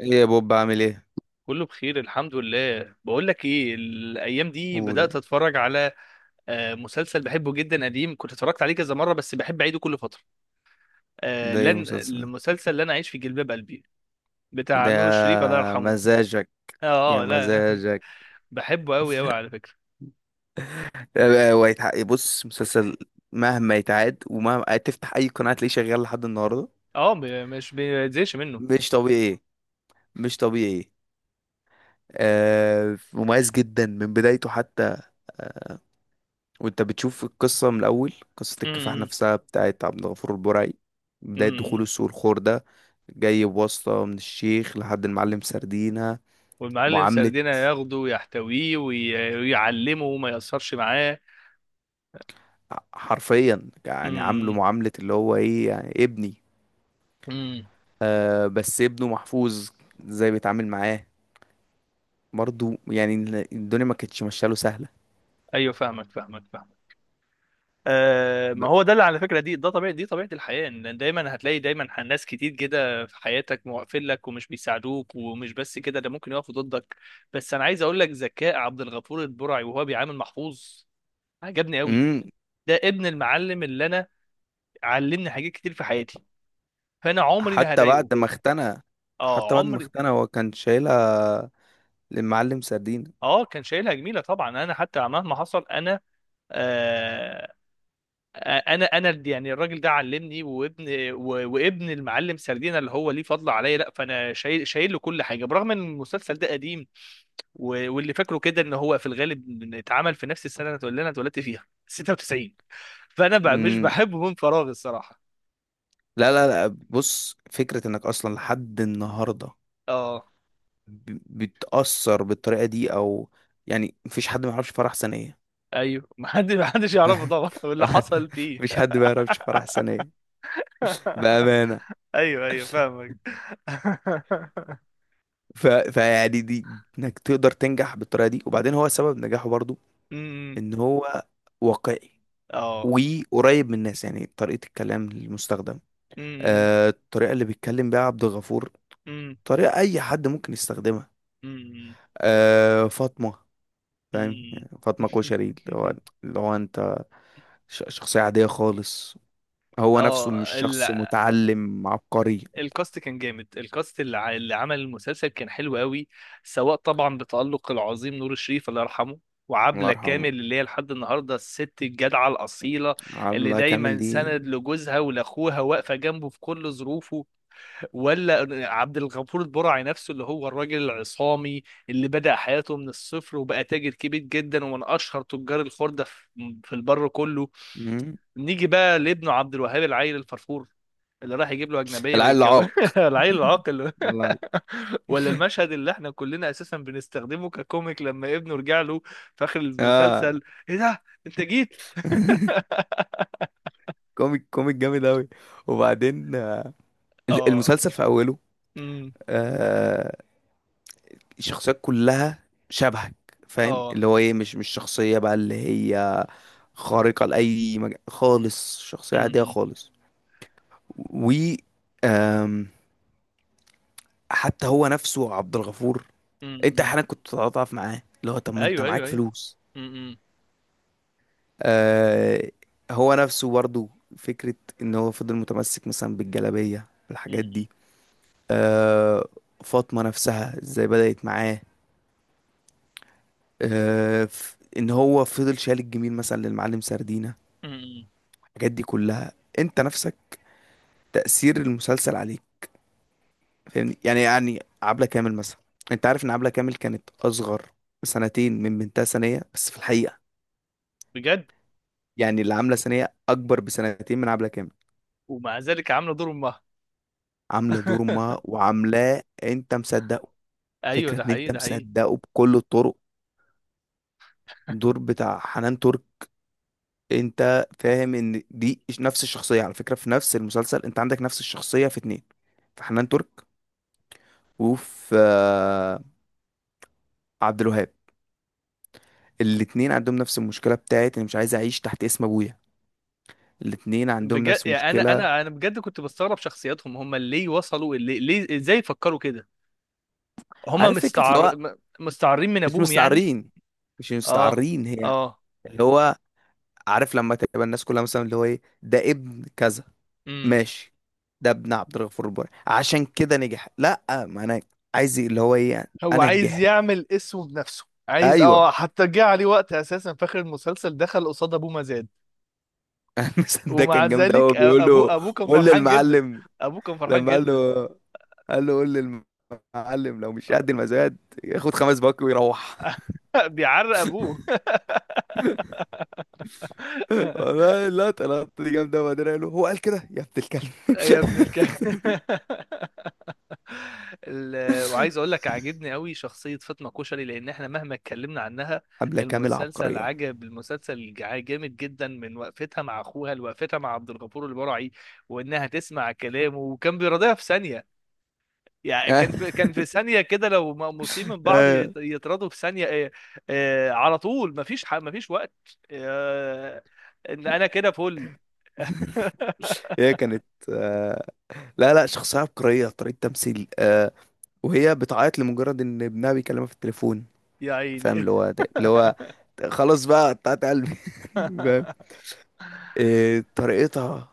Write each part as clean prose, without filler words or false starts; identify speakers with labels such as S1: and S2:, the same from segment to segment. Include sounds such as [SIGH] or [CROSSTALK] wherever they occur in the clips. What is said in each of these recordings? S1: ايه يا بوب، عامل ايه؟
S2: كله بخير الحمد لله. بقول لك ايه الايام دي
S1: قول
S2: بدات
S1: يلا.
S2: اتفرج على مسلسل بحبه جدا قديم. كنت اتفرجت عليه كذا مره، بس بحب اعيده كل فتره.
S1: ده ايه
S2: لن
S1: مسلسل؟
S2: المسلسل لن اعيش في جلباب قلبي. بتاع
S1: ده
S2: نور الشريف الله
S1: يا
S2: يرحمه.
S1: مزاجك.
S2: اه،
S1: يا
S2: آه، لا.
S1: مزاجك.
S2: [LAUGHS] بحبه قوي قوي على فكره.
S1: بص، مسلسل مهما يتعاد ومهما تفتح اي قناة تلاقيه شغال لحد النهاردة.
S2: اه، مش بيتزهقش منه.
S1: مش طبيعي، مش طبيعي. مميز جدا من بدايته، حتى وانت بتشوف القصة من الاول، قصة الكفاح
S2: م-
S1: نفسها بتاعت عبد الغفور البرعي.
S2: م-
S1: بداية دخوله
S2: م-
S1: السوق الخور ده، جاي بواسطة من الشيخ لحد المعلم سردينة.
S2: والمعلم
S1: معاملة
S2: سردينة ياخده ويحتويه، ويعلمه وما يأثرش معاه.
S1: حرفيا يعني عامله
S2: م-
S1: معاملة اللي هو ايه، يعني ابني.
S2: م-
S1: بس ابنه محفوظ، ازاي بيتعامل معاه؟ برضو يعني الدنيا ما كانتش ماشيه له سهلة.
S2: ايوه، فاهمك فاهمك فاهمك.
S1: ب...
S2: ما هو ده اللي على فكره، دي ده طبيعي، دي طبيعه الحياه ان دايما هتلاقي دايما ناس كتير كده في حياتك مقفل لك ومش بيساعدوك، ومش بس كده ده ممكن يقفوا ضدك. بس انا عايز اقول لك ذكاء عبد الغفور البرعي وهو بيعامل محفوظ عجبني قوي.
S1: مم.
S2: ده ابن المعلم اللي انا علمني حاجات كتير في حياتي، فانا عمري ما
S1: حتى
S2: هضايقه.
S1: بعد ما اختنى حتى
S2: اه،
S1: بعد ما
S2: عمري.
S1: اختنى هو كان شايلها للمعلم سردين.
S2: اه، كان شايلها جميله طبعا، انا حتى مهما حصل انا. آه، انا يعني الراجل ده علمني، وابن المعلم سردينا اللي هو ليه فضل عليا، لا فانا شايل له كل حاجه برغم ان المسلسل ده قديم. واللي فاكره كده ان هو في الغالب إن اتعمل في نفس السنه اللي انا اتولدت فيها 96. فانا بقى مش
S1: مم.
S2: بحبه من فراغ الصراحه.
S1: لا، لا، لا، بص، فكرة انك اصلا لحد النهاردة
S2: اه.
S1: ب... بتأثر بالطريقة دي، او يعني مفيش حد ما يعرفش فرح سنية.
S2: ايوه، ما حدش يعرفه طبعا [LAUGHS]
S1: [LAUGHS]
S2: واللي حصل فيه.
S1: مفيش حد ما يعرفش فرح سنية،
S2: [LAUGHS]
S1: بأمانة.
S2: ايوه ايوه، فاهمك. [LAUGHS]
S1: فيعني، دي انك تقدر تنجح بالطريقه دي. وبعدين هو سبب نجاحه برضو
S2: امم.
S1: ان هو واقعي
S2: اه.
S1: وقريب من الناس. يعني طريقه الكلام المستخدم،
S2: امم.
S1: الطريقه اللي بيتكلم بيها عبد الغفور،
S2: امم.
S1: طريقه اي حد ممكن يستخدمها. فاطمه، فاهم؟
S2: امم.
S1: يعني فاطمه كشري، اللي هو
S2: [LAUGHS]
S1: اللي هو انت، شخصيه عاديه خالص، هو نفسه مش
S2: اه،
S1: شخص متعلم عبقري.
S2: الكاست كان جامد، الكاست اللي عمل المسلسل كان حلو قوي. سواء طبعا بتألق العظيم نور الشريف الله يرحمه،
S1: الله
S2: وعبلة
S1: يرحمه.
S2: كامل اللي هي لحد النهارده الست الجدعة الأصيلة،
S1: عبد
S2: اللي
S1: الله كامل
S2: دايما
S1: دي.
S2: سند لجوزها ولأخوها، واقفة جنبه في كل ظروفه. ولا عبد الغفور البرعي نفسه اللي هو الراجل العصامي، اللي بدأ حياته من الصفر وبقى تاجر كبير جدا، ومن أشهر تجار الخردة في البر كله.
S1: مم.
S2: نيجي بقى لابنه عبد الوهاب، العيل الفرفور اللي راح يجيب له اجنبيه
S1: العيل
S2: ويتجوز. [LAUGHS]
S1: العاق.
S2: العيل العاقل.
S1: الله.
S2: [LAUGHS] ولا المشهد اللي احنا كلنا اساسا بنستخدمه ككوميك لما ابنه رجع له في اخر
S1: اه.
S2: المسلسل: ايه ده انت جيت؟
S1: [LAUGHS]
S2: [LAUGHS]
S1: كوميك، كوميك جامد أوي. وبعدين
S2: اه.
S1: المسلسل في أوله،
S2: امم.
S1: آه الشخصيات كلها شبهك، فاهم؟
S2: اه.
S1: اللي هو ايه، مش شخصية بقى اللي هي خارقة لأي خالص، شخصية عادية
S2: امم.
S1: خالص. و آم، حتى هو نفسه عبد الغفور، انت
S2: امم.
S1: احيانا كنت بتتعاطف معاه، اللي هو طب ما انت
S2: ايوه
S1: معاك
S2: ايوه ايوه.
S1: فلوس.
S2: امم.
S1: آه هو نفسه برضو فكرة ان هو فضل متمسك مثلا بالجلابية، الحاجات دي. آه، فاطمة نفسها ازاي بدأت معاه، ان هو فضل شايل الجميل مثلا للمعلم سردينة،
S2: امم.
S1: الحاجات دي كلها. انت نفسك، تأثير المسلسل عليك، فاهمني؟ يعني عبلة كامل مثلا، انت عارف ان عبلة كامل كانت اصغر سنتين من بنتها سنية؟ بس في الحقيقة
S2: بجد؟
S1: يعني اللي عاملة سنية اكبر بسنتين من عبلة كامل.
S2: ومع ذلك عامله دور امها.
S1: عاملة دور
S2: [LAUGHS]
S1: امها وعاملاه انت مصدقه.
S2: ايوه،
S1: فكرة
S2: ده
S1: ان
S2: حقيقي
S1: انت
S2: ده حقيقي.
S1: مصدقه بكل الطرق. الدور بتاع حنان ترك، انت فاهم ان دي نفس الشخصيه على فكره؟ في نفس المسلسل انت عندك نفس الشخصيه في اتنين، في حنان ترك وفي عبد الوهاب. الاتنين عندهم نفس المشكله بتاعت انا مش عايز اعيش تحت اسم ابويا. الاتنين عندهم
S2: بجد،
S1: نفس
S2: يعني انا
S1: المشكله.
S2: انا انا بجد كنت بستغرب شخصياتهم هم ليه وصلوا ليه، ازاي فكروا كده. هم
S1: عارف فكره اللي هو
S2: مستعارين من
S1: مش
S2: ابوهم يعني.
S1: مستعارين.
S2: اه.
S1: هي
S2: اه.
S1: اللي هو، عارف لما تبقى الناس كلها مثلا اللي هو ايه، ده ابن كذا،
S2: امم.
S1: ماشي، ده ابن عبد الغفور البرعي عشان كده نجح. لا، ما انا عايز اللي هو ايه،
S2: هو
S1: انا
S2: عايز
S1: نجحت.
S2: يعمل اسمه بنفسه، عايز
S1: ايوه.
S2: اه، حتى جه عليه وقت اساسا في اخر المسلسل دخل قصاد ابوه مزاد.
S1: [LAUGHS] المثل ده
S2: ومع
S1: كان جامد
S2: ذلك
S1: قوي، بيقول له
S2: ابوه كان
S1: قول
S2: فرحان جدا.
S1: للمعلم.
S2: ابوه كان فرحان
S1: لما قال
S2: جدا.
S1: له، قال له: قول للمعلم لو مش قد المزاد ياخد 5 باك ويروح.
S2: [LAUGHS] بيعرق ابوه. [LAUGHS]
S1: [LAUGHS] والله اللقطة، دي جامدة. وبعدين قال له، هو قال كده: يا ابن الكلب.
S2: يا ابن الكلب. [LAUGHS] وعايز اقول لك عاجبني قوي شخصيه فاطمه كشري، لان احنا مهما اتكلمنا عنها،
S1: [LAUGHS] حملة كاملة
S2: المسلسل
S1: عبقرية. [LAUGHS]
S2: عجب، المسلسل جامد جدا، من وقفتها مع اخوها لوقفتها مع عبد الغفور البرعي، وانها تسمع كلامه وكان بيراضيها في ثانيه. يعني كان في ثانيه كده لو مقموسين من بعض
S1: آه،
S2: يتراضوا في ثانيه. على طول مفيش وقت. آه، ان انا كده فل.
S1: هي
S2: [LAUGHS]
S1: كانت آه، لا، لا، شخصية عبقرية، طريقة تمثيل. وهي بتعيط لمجرد ان ابنها بيكلمها في التليفون.
S2: يا
S1: فاهم
S2: عيني.
S1: اللي هو اللي هو
S2: [LAUGHS]
S1: خلاص بقى، قطعت قلبي. [LAUGHS] إيه طريقتها؟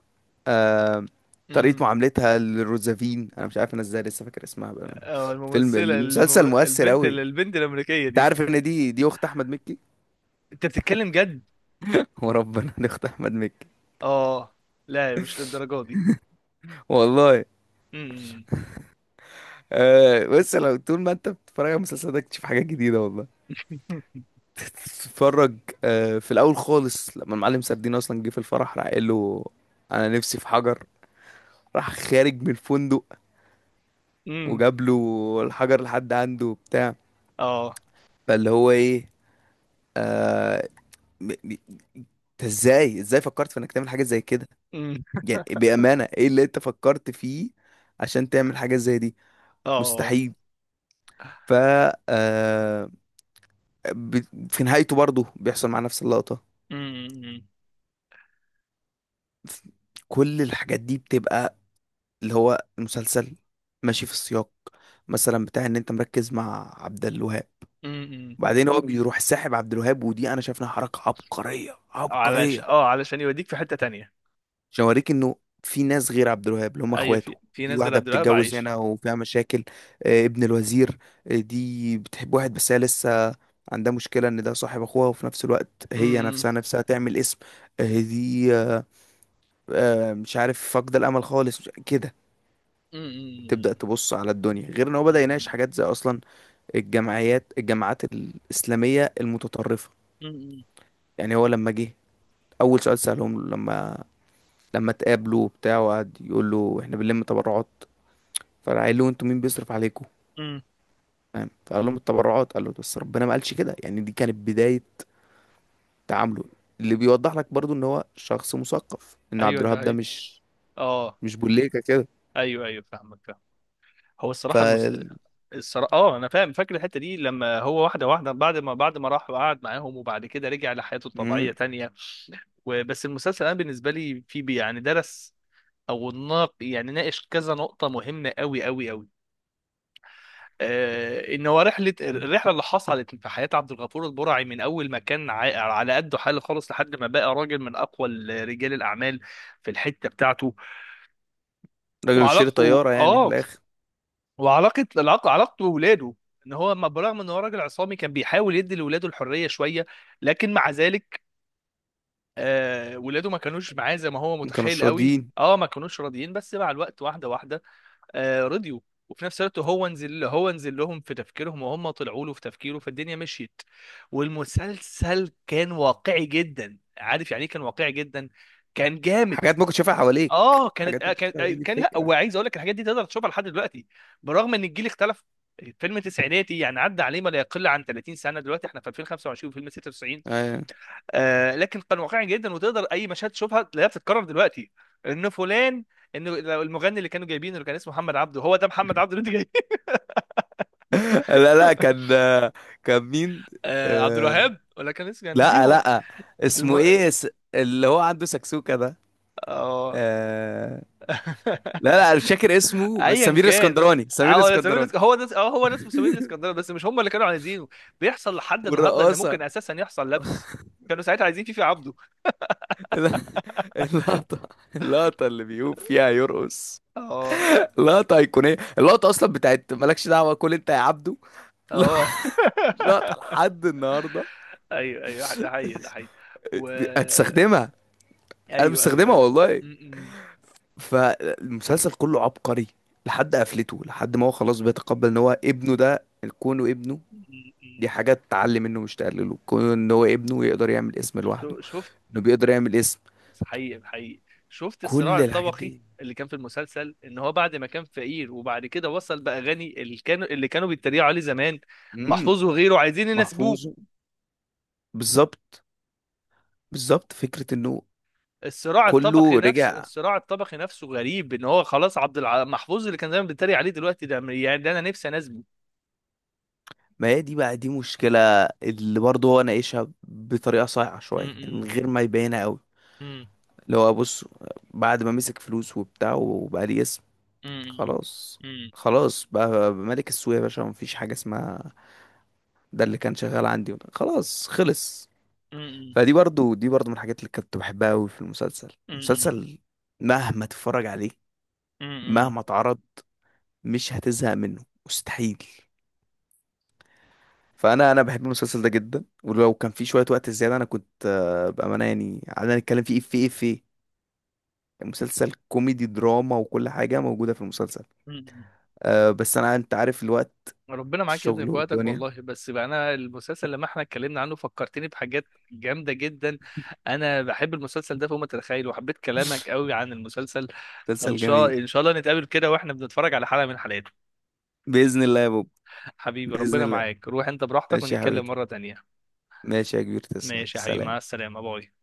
S1: آه طريقة
S2: امم.
S1: معاملتها للروزافين، انا مش عارف انا ازاي لسه فاكر اسمها بأمانة.
S2: اه، الممثلة
S1: المسلسل مؤثر قوي.
S2: البنت الأمريكية
S1: انت
S2: دي.
S1: عارف ان دي اخت احمد مكي؟
S2: أنت بتتكلم جد؟
S1: [LAUGHS] وربنا دي اخت احمد مكي،
S2: اه، لا مش للدرجة دي.
S1: والله.
S2: امم.
S1: بس لو طول ما انت بتتفرج على المسلسل ده تشوف حاجات جديدة، والله، تتفرج. في الاول خالص لما المعلم سردين اصلا جه في الفرح، راح قال له: انا نفسي في حجر. راح خارج من الفندق
S2: امم.
S1: وجاب له الحجر لحد عنده وبتاع.
S2: [LAUGHS] اه.
S1: فاللي هو ايه، آه، ب- ب- انت ازاي، فكرت في انك تعمل حاجه زي كده؟
S2: امم.
S1: يعني بامانه ايه اللي انت فكرت فيه عشان تعمل حاجه زي دي؟
S2: اه.
S1: مستحيل. ف آه، في نهايته برضه بيحصل مع نفس اللقطه.
S2: امم.
S1: ف- كل الحاجات دي بتبقى اللي هو المسلسل ماشي في السياق. مثلا بتاع ان انت مركز مع عبد الوهاب،
S2: امم.
S1: وبعدين هو بيروح ساحب عبد الوهاب، ودي انا شايف انها حركه عبقريه عبقريه،
S2: علشان يوديك في حتة تانية.
S1: عشان اوريك انه في ناس غير عبد الوهاب اللي هم
S2: ايوه،
S1: اخواته.
S2: في
S1: في
S2: ناس غير
S1: واحده
S2: عبد الوهاب
S1: بتتجوز
S2: عايش.
S1: هنا وفيها مشاكل، ابن الوزير. دي بتحب واحد بس هي لسه عندها مشكله ان ده صاحب اخوها، وفي نفس الوقت هي
S2: امم.
S1: نفسها نفسها تعمل اسم. آه، دي آه، آه، مش عارف، فاقده الامل خالص، كده تبدا
S2: امم.
S1: تبص على الدنيا. غير ان هو بدا يناقش
S2: امم.
S1: حاجات زي اصلا الجمعيات، الجماعات الاسلاميه المتطرفه. يعني هو لما جه اول سؤال سالهم له، لما اتقابلوا وبتاع، وقعد يقول له: احنا بنلم تبرعات. فقال له: انتوا مين بيصرف عليكم؟
S2: امم.
S1: فاهم؟ فقال لهم: التبرعات. قال له: بس ربنا ما قالش كده. يعني دي كانت بداية تعامله اللي بيوضح لك برضو ان هو شخص مثقف، ان عبد
S2: ايوه ده
S1: الوهاب ده
S2: هي.
S1: مش
S2: اه.
S1: مش بوليكا كده.
S2: ايوه ايوه، فاهمك فاهم. هو
S1: ف
S2: الصراحة المس... الصراحه، اه، انا فاهم، فاكر الحته دي لما هو واحده واحده، بعد ما راح وقعد معاهم، وبعد كده رجع لحياته
S1: مم.
S2: الطبيعيه تانية. وبس المسلسل انا بالنسبه لي يعني درس. او يعني ناقش كذا نقطه مهمه قوي قوي قوي. آه، ان هو الرحله اللي حصلت في حياه عبد الغفور البرعي من اول ما كان على قده حاله خالص لحد ما بقى راجل من اقوى رجال الاعمال في الحته بتاعته.
S1: راجل بيشتري
S2: وعلاقته
S1: طيارة يعني في
S2: اه
S1: الاخر.
S2: وعلاقه العلاقه علاقته بولاده. ان هو ما برغم ان هو راجل عصامي كان بيحاول يدي لولاده الحريه شويه، لكن مع ذلك ولاده ما كانوش معاه زي ما هو
S1: ما
S2: متخيل
S1: كانوش
S2: قوي.
S1: راضيين.
S2: اه، ما كانوش راضيين، بس مع الوقت واحده واحده رضيوا. وفي نفس الوقت هو نزل لهم في تفكيرهم، وهم طلعوا له في تفكيره، فالدنيا مشيت. والمسلسل كان واقعي جدا، عارف يعني ايه؟ كان واقعي جدا، كان جامد.
S1: حاجات ممكن تشوفها حواليك،
S2: اه،
S1: حاجات ممكن تشوفها، دي
S2: كان، لا هو
S1: الفكرة.
S2: عايز اقول لك الحاجات دي تقدر تشوفها لحد دلوقتي. برغم ان الجيل اختلف، فيلم تسعيناتي يعني عدى عليه ما لا يقل عن 30 سنه، دلوقتي احنا في 2025 وفيلم 96.
S1: آه.
S2: آه، لكن كان واقعي جدا، وتقدر اي مشهد تشوفها تلاقيها بتتكرر دلوقتي. ان فلان، ان لو المغني اللي كانوا جايبينه اللي كان اسمه محمد عبده، هو ده محمد عبده اللي انت جايبه؟ [LAUGHS]
S1: [LAUGHS] لا، لا، كان كان مين؟
S2: آه، عبد
S1: آه...
S2: الوهاب، ولا كان اسمه يعني
S1: لا،
S2: نجيبه.
S1: لا، اسمه
S2: الم...
S1: ايه، اللي هو عنده سكسوكة ده؟
S2: اه.
S1: آه... لا، لا،
S2: [LAUGHS]
S1: انا مش فاكر اسمه، بس
S2: ايا
S1: سمير
S2: كان،
S1: الاسكندراني، سمير
S2: اه
S1: الاسكندراني،
S2: هو ناس مسؤولين الاسكندريه، بس مش هم اللي كانوا عايزينه. بيحصل لحد النهارده ان
S1: والرقاصه،
S2: ممكن اساسا يحصل لبس. كانوا ساعتها عايزين فيفي عبده.
S1: ال- اللقطه، اللي بيقوم فيها يرقص،
S2: اه.
S1: لقطه ايقونيه. اللقطه اصلا بتاعت مالكش دعوه، كل انت يا عبده.
S2: اه. [LAUGHS]
S1: [LAUGHS] لقطه لحد النهارده.
S2: ايوه ايوه، ده حقيقي ده حقيقي. و
S1: هتستخدمها؟ انا
S2: ايوه ايوه
S1: بستخدمها
S2: ايوه.
S1: والله.
S2: م- م-
S1: فالمسلسل كله عبقري، لحد قفلته، لحد ما هو خلاص بيتقبل ان هو ابنه ده، كونه ابنه،
S2: م-
S1: دي
S2: م-
S1: حاجة تعلي منه مش تقلله، كونه ان هو ابنه يقدر يعمل اسم لوحده،
S2: شفت.
S1: انه بيقدر يعمل اسم،
S2: حقيقي حقيقي. شفت الصراع
S1: كل الحاجات
S2: الطبقي
S1: دي.
S2: اللي كان في المسلسل، ان هو بعد ما كان فقير وبعد كده وصل بقى غني، اللي كانوا بيتريقوا عليه زمان.
S1: امم
S2: محفوظ وغيره عايزين يناسبوه.
S1: محفوظ، بالظبط، بالظبط. فكرة انه
S2: الصراع الطبقي
S1: كله
S2: نفسه،
S1: رجع.
S2: الصراع الطبقي نفسه غريب، ان هو خلاص محفوظ اللي كان زمان بيتريق عليه دلوقتي ده، يعني ده انا نفسي انزله.
S1: ما هي دي بقى دي مشكلة اللي برضه هو ناقشها بطريقة صايعة شوية، يعني من
S2: امم.
S1: غير ما يبينها قوي.
S2: امم.
S1: اللي هو بص، بعد ما مسك فلوس وبتاع وبقى ليه اسم،
S2: امم.
S1: خلاص.
S2: امم.
S1: خلاص بقى ملك السوق يا باشا، مفيش حاجة اسمها ده اللي كان شغال عندي، خلاص خلص.
S2: امم.
S1: فدي برضه، دي برضه من الحاجات اللي كنت بحبها قوي في المسلسل.
S2: امم.
S1: المسلسل مهما تتفرج عليه،
S2: امم.
S1: مهما اتعرض، مش هتزهق منه، مستحيل. فانا بحب المسلسل ده جدا، ولو كان في شويه وقت زياده انا كنت بامانه يعني قعدنا نتكلم فيه في في مسلسل كوميدي دراما وكل حاجه موجوده في المسلسل.
S2: امم.
S1: بس انا انت عارف الوقت،
S2: ربنا معاك يا ابني
S1: الشغل
S2: في وقتك
S1: والدنيا.
S2: والله، بس بقى انا المسلسل لما احنا اتكلمنا عنه فكرتني بحاجات جامده جدا. انا بحب المسلسل ده فوق ما تتخيل، وحبيت كلامك
S1: [LAUGHS]
S2: قوي عن المسلسل. فان
S1: مسلسل
S2: شاء
S1: جميل.
S2: ان شاء الله نتقابل كده واحنا بنتفرج على حلقه من حلقاته.
S1: باذن الله يا بوب.
S2: حبيبي
S1: باذن
S2: ربنا
S1: الله.
S2: معاك، روح انت براحتك،
S1: ماشي يا
S2: ونتكلم
S1: حبيبتي.
S2: مره تانية.
S1: ماشي يا كبير، تسلم،
S2: ماشي يا حبيبي،
S1: سلام.
S2: مع السلامة، باي.